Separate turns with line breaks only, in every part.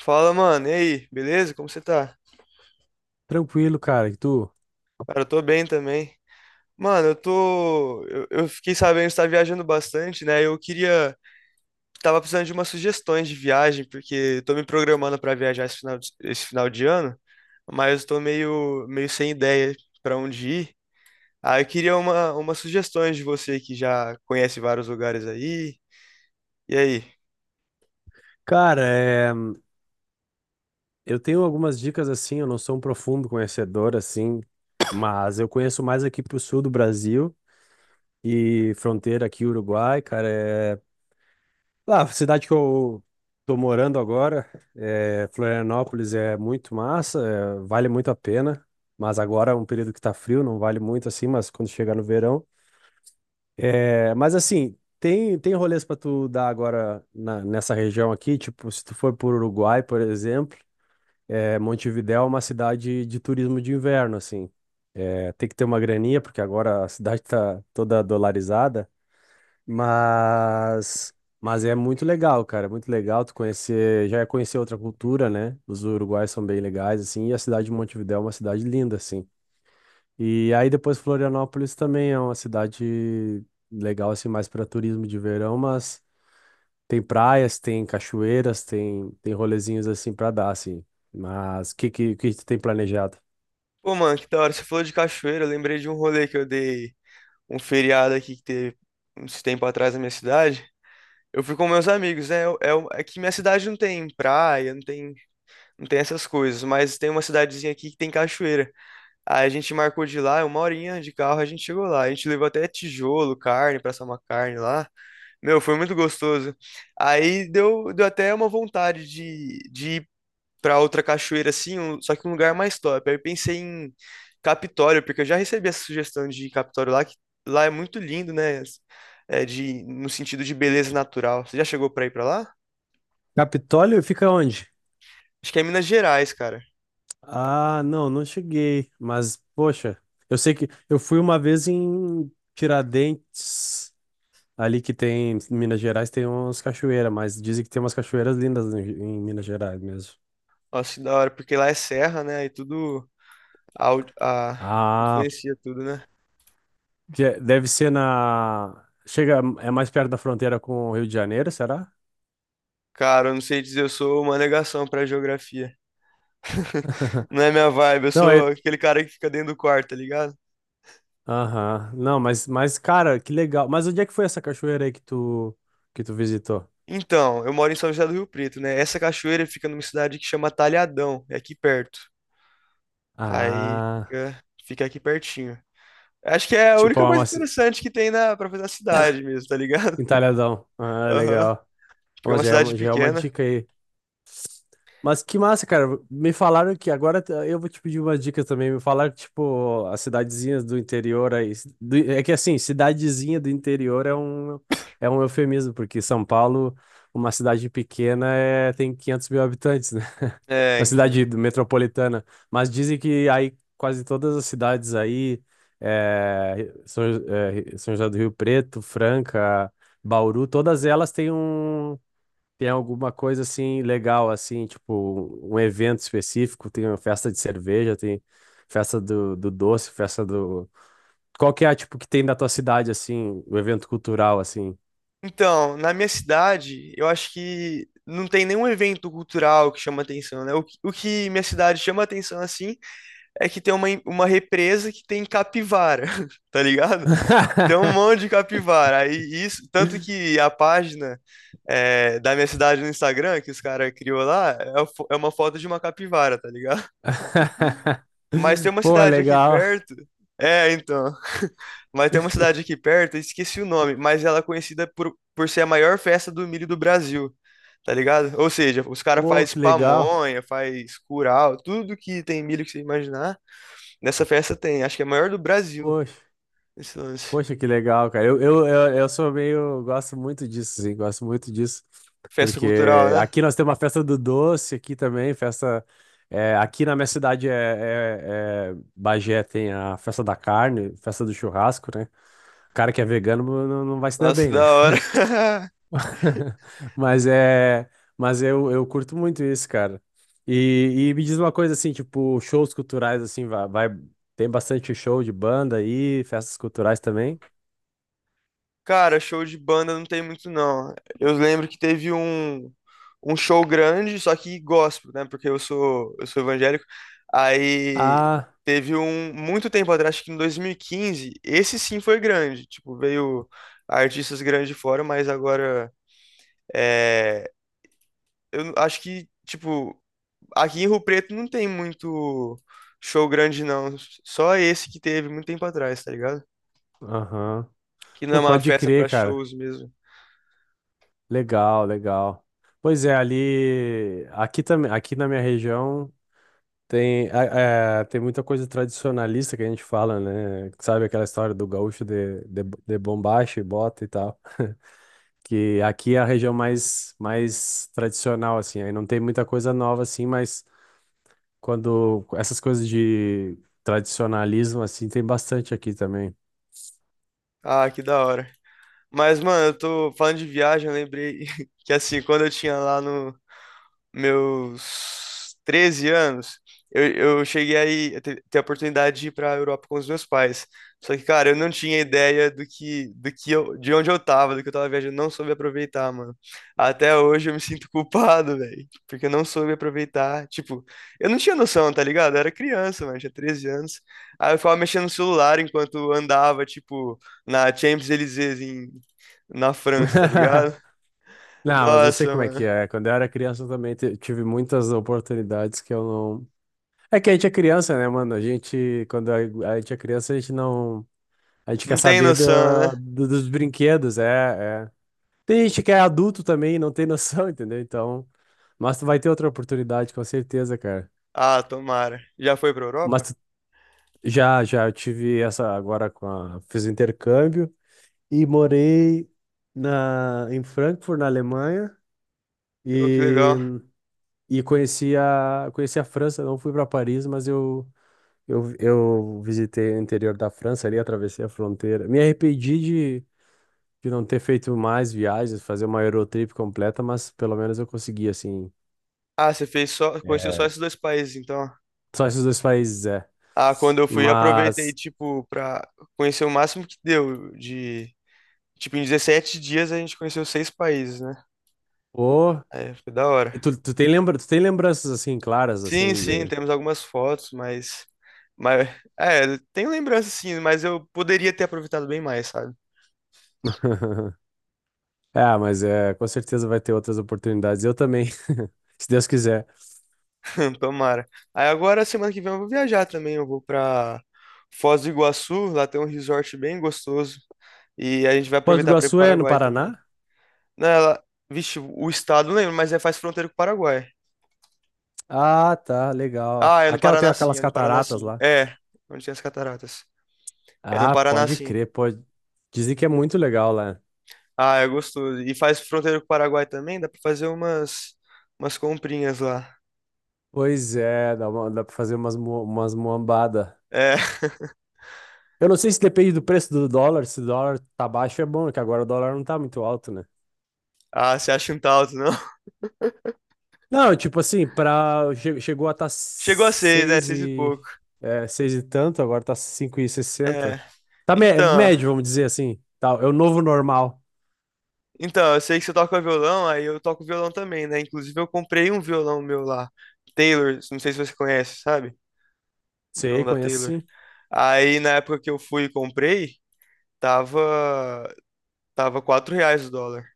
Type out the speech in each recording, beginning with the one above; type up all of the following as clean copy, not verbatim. Fala, mano, e aí? Beleza? Como você tá?
Tranquilo, cara. E tu?
Cara, eu tô bem também. Mano, eu tô. Eu fiquei sabendo que você tá viajando bastante, né? Eu queria. Tava precisando de umas sugestões de viagem, porque eu tô me programando pra viajar esse final de ano, mas eu tô meio sem ideia pra onde ir. Aí eu queria umas sugestões de você que já conhece vários lugares aí. E aí?
Cara, eu tenho algumas dicas assim, eu não sou um profundo conhecedor assim, mas eu conheço mais aqui pro sul do Brasil e fronteira aqui Uruguai, cara, Ah, a cidade que eu tô morando agora, Florianópolis é muito massa, vale muito a pena, mas agora é um período que tá frio, não vale muito assim, mas quando chegar no verão... É, mas assim, tem rolês pra tu dar agora nessa região aqui, tipo, se tu for por Uruguai, por exemplo. É, Montevidéu é uma cidade de turismo de inverno, assim. É, tem que ter uma graninha, porque agora a cidade tá toda dolarizada, mas, é muito legal, cara, é muito legal tu conhecer, já é conhecer outra cultura, né? Os uruguaios são bem legais, assim, e a cidade de Montevidéu é uma cidade linda, assim. E aí depois Florianópolis também é uma cidade legal, assim, mais para turismo de verão, mas tem praias, tem cachoeiras, tem rolezinhos, assim, para dar, assim. Mas o que tu tem planejado?
Pô, mano, que da hora. Você falou de cachoeira, eu lembrei de um rolê que eu dei um feriado aqui que teve uns tempo atrás na minha cidade. Eu fui com meus amigos, né? É que minha cidade não tem praia, não tem essas coisas, mas tem uma cidadezinha aqui que tem cachoeira. Aí a gente marcou de ir lá, uma horinha de carro, a gente chegou lá. A gente levou até tijolo, carne, pra assar uma carne lá. Meu, foi muito gostoso. Aí deu até uma vontade de pra outra cachoeira assim, só que um lugar mais top. Aí eu pensei em Capitório, porque eu já recebi essa sugestão de ir em Capitório lá, que lá é muito lindo, né? É de, no sentido de beleza natural. Você já chegou pra ir pra lá?
Capitólio fica onde?
Acho que é Minas Gerais, cara.
Ah, não, não cheguei. Mas, poxa, eu sei que eu fui uma vez em Tiradentes, ali que tem, em Minas Gerais, tem umas cachoeiras, mas dizem que tem umas cachoeiras lindas em, Minas Gerais mesmo.
Nossa, que da hora, porque lá é serra, né? E tudo au- a,
Ah,
influencia tudo, né?
deve ser na. Chega, é mais perto da fronteira com o Rio de Janeiro, será?
Cara, eu não sei dizer, eu sou uma negação pra geografia. Não é minha vibe, eu
Não,
sou
é.
aquele cara que fica dentro do quarto, tá ligado?
Aham. Não, mas, cara, que legal. Mas onde é que foi essa cachoeira aí que tu visitou?
Então, eu moro em São José do Rio Preto, né? Essa cachoeira fica numa cidade que chama Talhadão, é aqui perto. Aí
Ah,
fica aqui pertinho. Acho que é a
tipo,
única
é
coisa
uma,
interessante que tem na pra fazer na cidade mesmo, tá ligado?
Entalhadão. Ah,
Aham.
legal.
Porque é
Ó,
uma
já é
cidade
uma, já é uma
pequena.
dica aí. Mas que massa, cara. Me falaram que agora eu vou te pedir uma dica também. Me falaram que, tipo, as cidadezinhas do interior aí, é que assim, cidadezinha do interior é um eufemismo, porque São Paulo, uma cidade pequena, tem 500 mil habitantes, né?
É,
Uma
então.
cidade metropolitana. Mas dizem que aí quase todas as cidades aí, é, São José do Rio Preto, Franca, Bauru, todas elas têm um. Tem alguma coisa assim legal, assim, tipo um evento específico, tem uma festa de cerveja, tem festa do doce, festa do. Qual que é, tipo, que tem da tua cidade, assim, o evento cultural, assim?
Então, na minha cidade, eu acho que não tem nenhum evento cultural que chama atenção, né? O que minha cidade chama atenção assim é que tem uma represa que tem capivara, tá ligado? Tem um monte de capivara. Aí isso, tanto que a página é, da minha cidade no Instagram, que os caras criou lá, é, a é uma foto de uma capivara, tá ligado? Mas tem uma
Pô,
cidade aqui
legal.
perto. É, então. Mas tem uma cidade aqui perto, eu esqueci o nome, mas ela é conhecida por ser a maior festa do milho do Brasil, tá ligado? Ou seja, os caras
Pô,
faz
que legal.
pamonha, faz curau, tudo que tem milho que você imaginar. Nessa festa tem, acho que é a maior do Brasil,
Poxa.
esse lance.
Poxa, que legal, cara. Eu sou meio. Gosto muito disso, sim. Gosto muito disso.
Festa cultural,
Porque
né?
aqui nós temos a festa do doce, aqui também, festa. Aqui na minha cidade é Bagé, tem a festa da carne, festa do churrasco, né? O cara que é vegano não, não vai se dar
Nossa, que
bem, né?
da hora.
Mas é. Mas eu curto muito isso, cara. E, me diz uma coisa assim, tipo, shows culturais, assim, tem bastante show de banda aí, festas culturais também.
Cara, show de banda não tem muito, não. Eu lembro que teve um show grande, só que gospel, né? Porque eu sou evangélico. Aí
Ah.
teve um, muito tempo atrás, acho que em 2015, esse sim foi grande. Tipo, veio artistas grandes de fora, mas agora, é, eu acho que, tipo, aqui em Rio Preto não tem muito show grande, não. Só esse que teve muito tempo atrás, tá ligado?
Aham.
Que não é
Pô,
uma
pode
festa pra
crer, cara.
shows mesmo.
Legal, legal. Pois é, ali. Aqui também, aqui na minha região tem, tem muita coisa tradicionalista que a gente fala, né? Sabe aquela história do gaúcho de bombacha e bota e tal. Que aqui é a região mais tradicional, assim. Aí não tem muita coisa nova, assim, mas quando essas coisas de tradicionalismo, assim, tem bastante aqui também.
Ah, que da hora. Mas, mano, eu tô falando de viagem, eu lembrei que assim, quando eu tinha lá no, meus 13 anos, eu, eu cheguei aí a ter a oportunidade de ir para a Europa com os meus pais. Só que, cara, eu não tinha ideia do que eu, de onde eu tava, do que eu tava viajando, não soube aproveitar, mano. Até hoje eu me sinto culpado, velho, porque eu não soube aproveitar. Tipo, eu não tinha noção, tá ligado? Eu era criança, mano, eu tinha 13 anos. Aí eu ficava mexendo no celular enquanto andava, tipo, na Champs-Élysées em, na França, tá ligado?
Não, mas eu sei
Nossa,
como é
mano,
que é. Quando eu era criança eu também tive muitas oportunidades que eu não. É que a gente é criança, né, mano? A gente, a gente é criança, a gente não. A gente
não
quer
tem
saber
noção, né?
dos brinquedos, é, é. Tem gente que é adulto também e não tem noção, entendeu? Então. Mas tu vai ter outra oportunidade, com certeza, cara.
Ah, tomara. Já foi pra
Mas
Europa?
tu- já, já, eu tive essa agora com a. Fiz o intercâmbio e morei em Frankfurt, na Alemanha.
Pô, que
E.
legal.
E conheci a França, não fui para Paris, mas eu visitei o interior da França ali, atravessei a fronteira. Me arrependi de não ter feito mais viagens, fazer uma Eurotrip completa, mas pelo menos eu consegui, assim.
Ah, você fez só, conheceu só
É.
esses dois países, então.
Só esses dois países, é.
Ah, quando eu fui, aproveitei,
Mas,
tipo, pra conhecer o máximo que deu de, tipo, em 17 dias a gente conheceu seis países, né?
pô,
É, foi da
e
hora.
tu tem lembranças, assim, claras,
Sim,
assim,
sim,
de...
temos algumas fotos, mas, é, tenho lembrança sim, mas eu poderia ter aproveitado bem mais, sabe?
É, mas é, com certeza vai ter outras oportunidades. Eu também, se Deus quiser.
Tomara. Aí agora, semana que vem eu vou viajar também, eu vou pra Foz do Iguaçu, lá tem um resort bem gostoso. E a gente vai
Foz do
aproveitar para ir pro
Iguaçu é no
Paraguai também.
Paraná?
Não, ela... Vixe, o estado não lembro, mas é, faz fronteira com o Paraguai.
Ah, tá, legal.
Ah, é no
Aquela tem
Paraná sim,
aquelas
é no Paraná
cataratas
sim.
lá.
É, onde tem as cataratas. É no
Ah,
Paraná
pode
sim.
crer, pode. Dizem que é muito legal lá.
Ah, é gostoso. E faz fronteira com o Paraguai também, dá pra fazer umas, umas comprinhas lá.
Pois é, dá pra fazer umas muambada.
É.
Eu não sei se depende do preço do dólar, se o dólar tá baixo é bom, que agora o dólar não tá muito alto, né?
Ah, você acha um talto, não?
Não, tipo assim, chegou a tá
Chegou a seis, né? Seis e pouco.
seis e tanto, agora tá 5,60.
É.
Tá
Então,
médio, vamos dizer assim. Tá, é o novo normal.
então, eu sei que você toca violão, aí eu toco violão também, né? Inclusive eu comprei um violão meu lá. Taylor, não sei se você conhece, sabe? Vilão
Sei,
da
conheço
Taylor.
sim.
Aí na época que eu fui e comprei, tava tava 4 reais o dólar.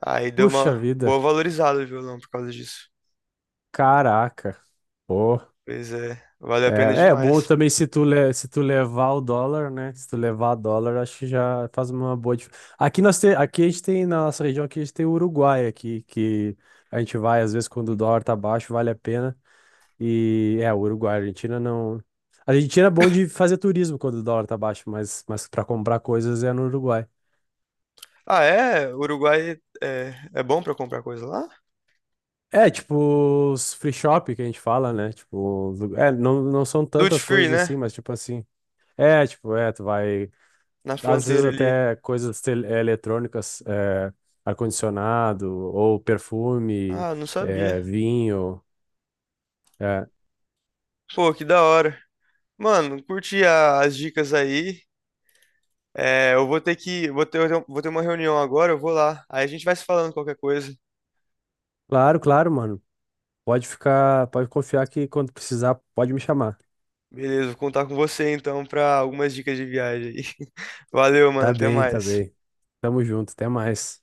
Aí deu
Puxa
uma
vida,
boa valorizada o violão por causa disso.
caraca. Porra.
Pois é, vale a pena
É, é bom
demais.
também se tu levar o dólar, né? Se tu levar o dólar, acho que já faz uma boa diferença. Aqui a gente tem, na nossa região aqui, a gente tem o Uruguai aqui, que a gente vai, às vezes, quando o dólar tá baixo, vale a pena. E é, o Uruguai, a Argentina não. A Argentina é bom de fazer turismo quando o dólar tá baixo, mas, para comprar coisas é no Uruguai.
Ah, é? O Uruguai é, é bom pra comprar coisa lá?
É, tipo, os free shop que a gente fala, né? Tipo, não, não são
Duty
tantas
free,
coisas
né?
assim, mas tipo assim. É, tipo, tu vai.
Na
Às vezes
fronteira ali.
até coisas eletrônicas, ar-condicionado, ou perfume,
Ah, não
eh,
sabia.
vinho. Eh.
Pô, que da hora. Mano, curti as dicas aí. É, eu vou ter que, vou ter uma reunião agora, eu vou lá. Aí a gente vai se falando qualquer coisa.
Claro, claro, mano. Pode ficar, pode confiar que quando precisar, pode me chamar.
Beleza, vou contar com você então para algumas dicas de viagem aí. Valeu, mano,
Tá
até
bem, tá
mais.
bem. Tamo junto, até mais.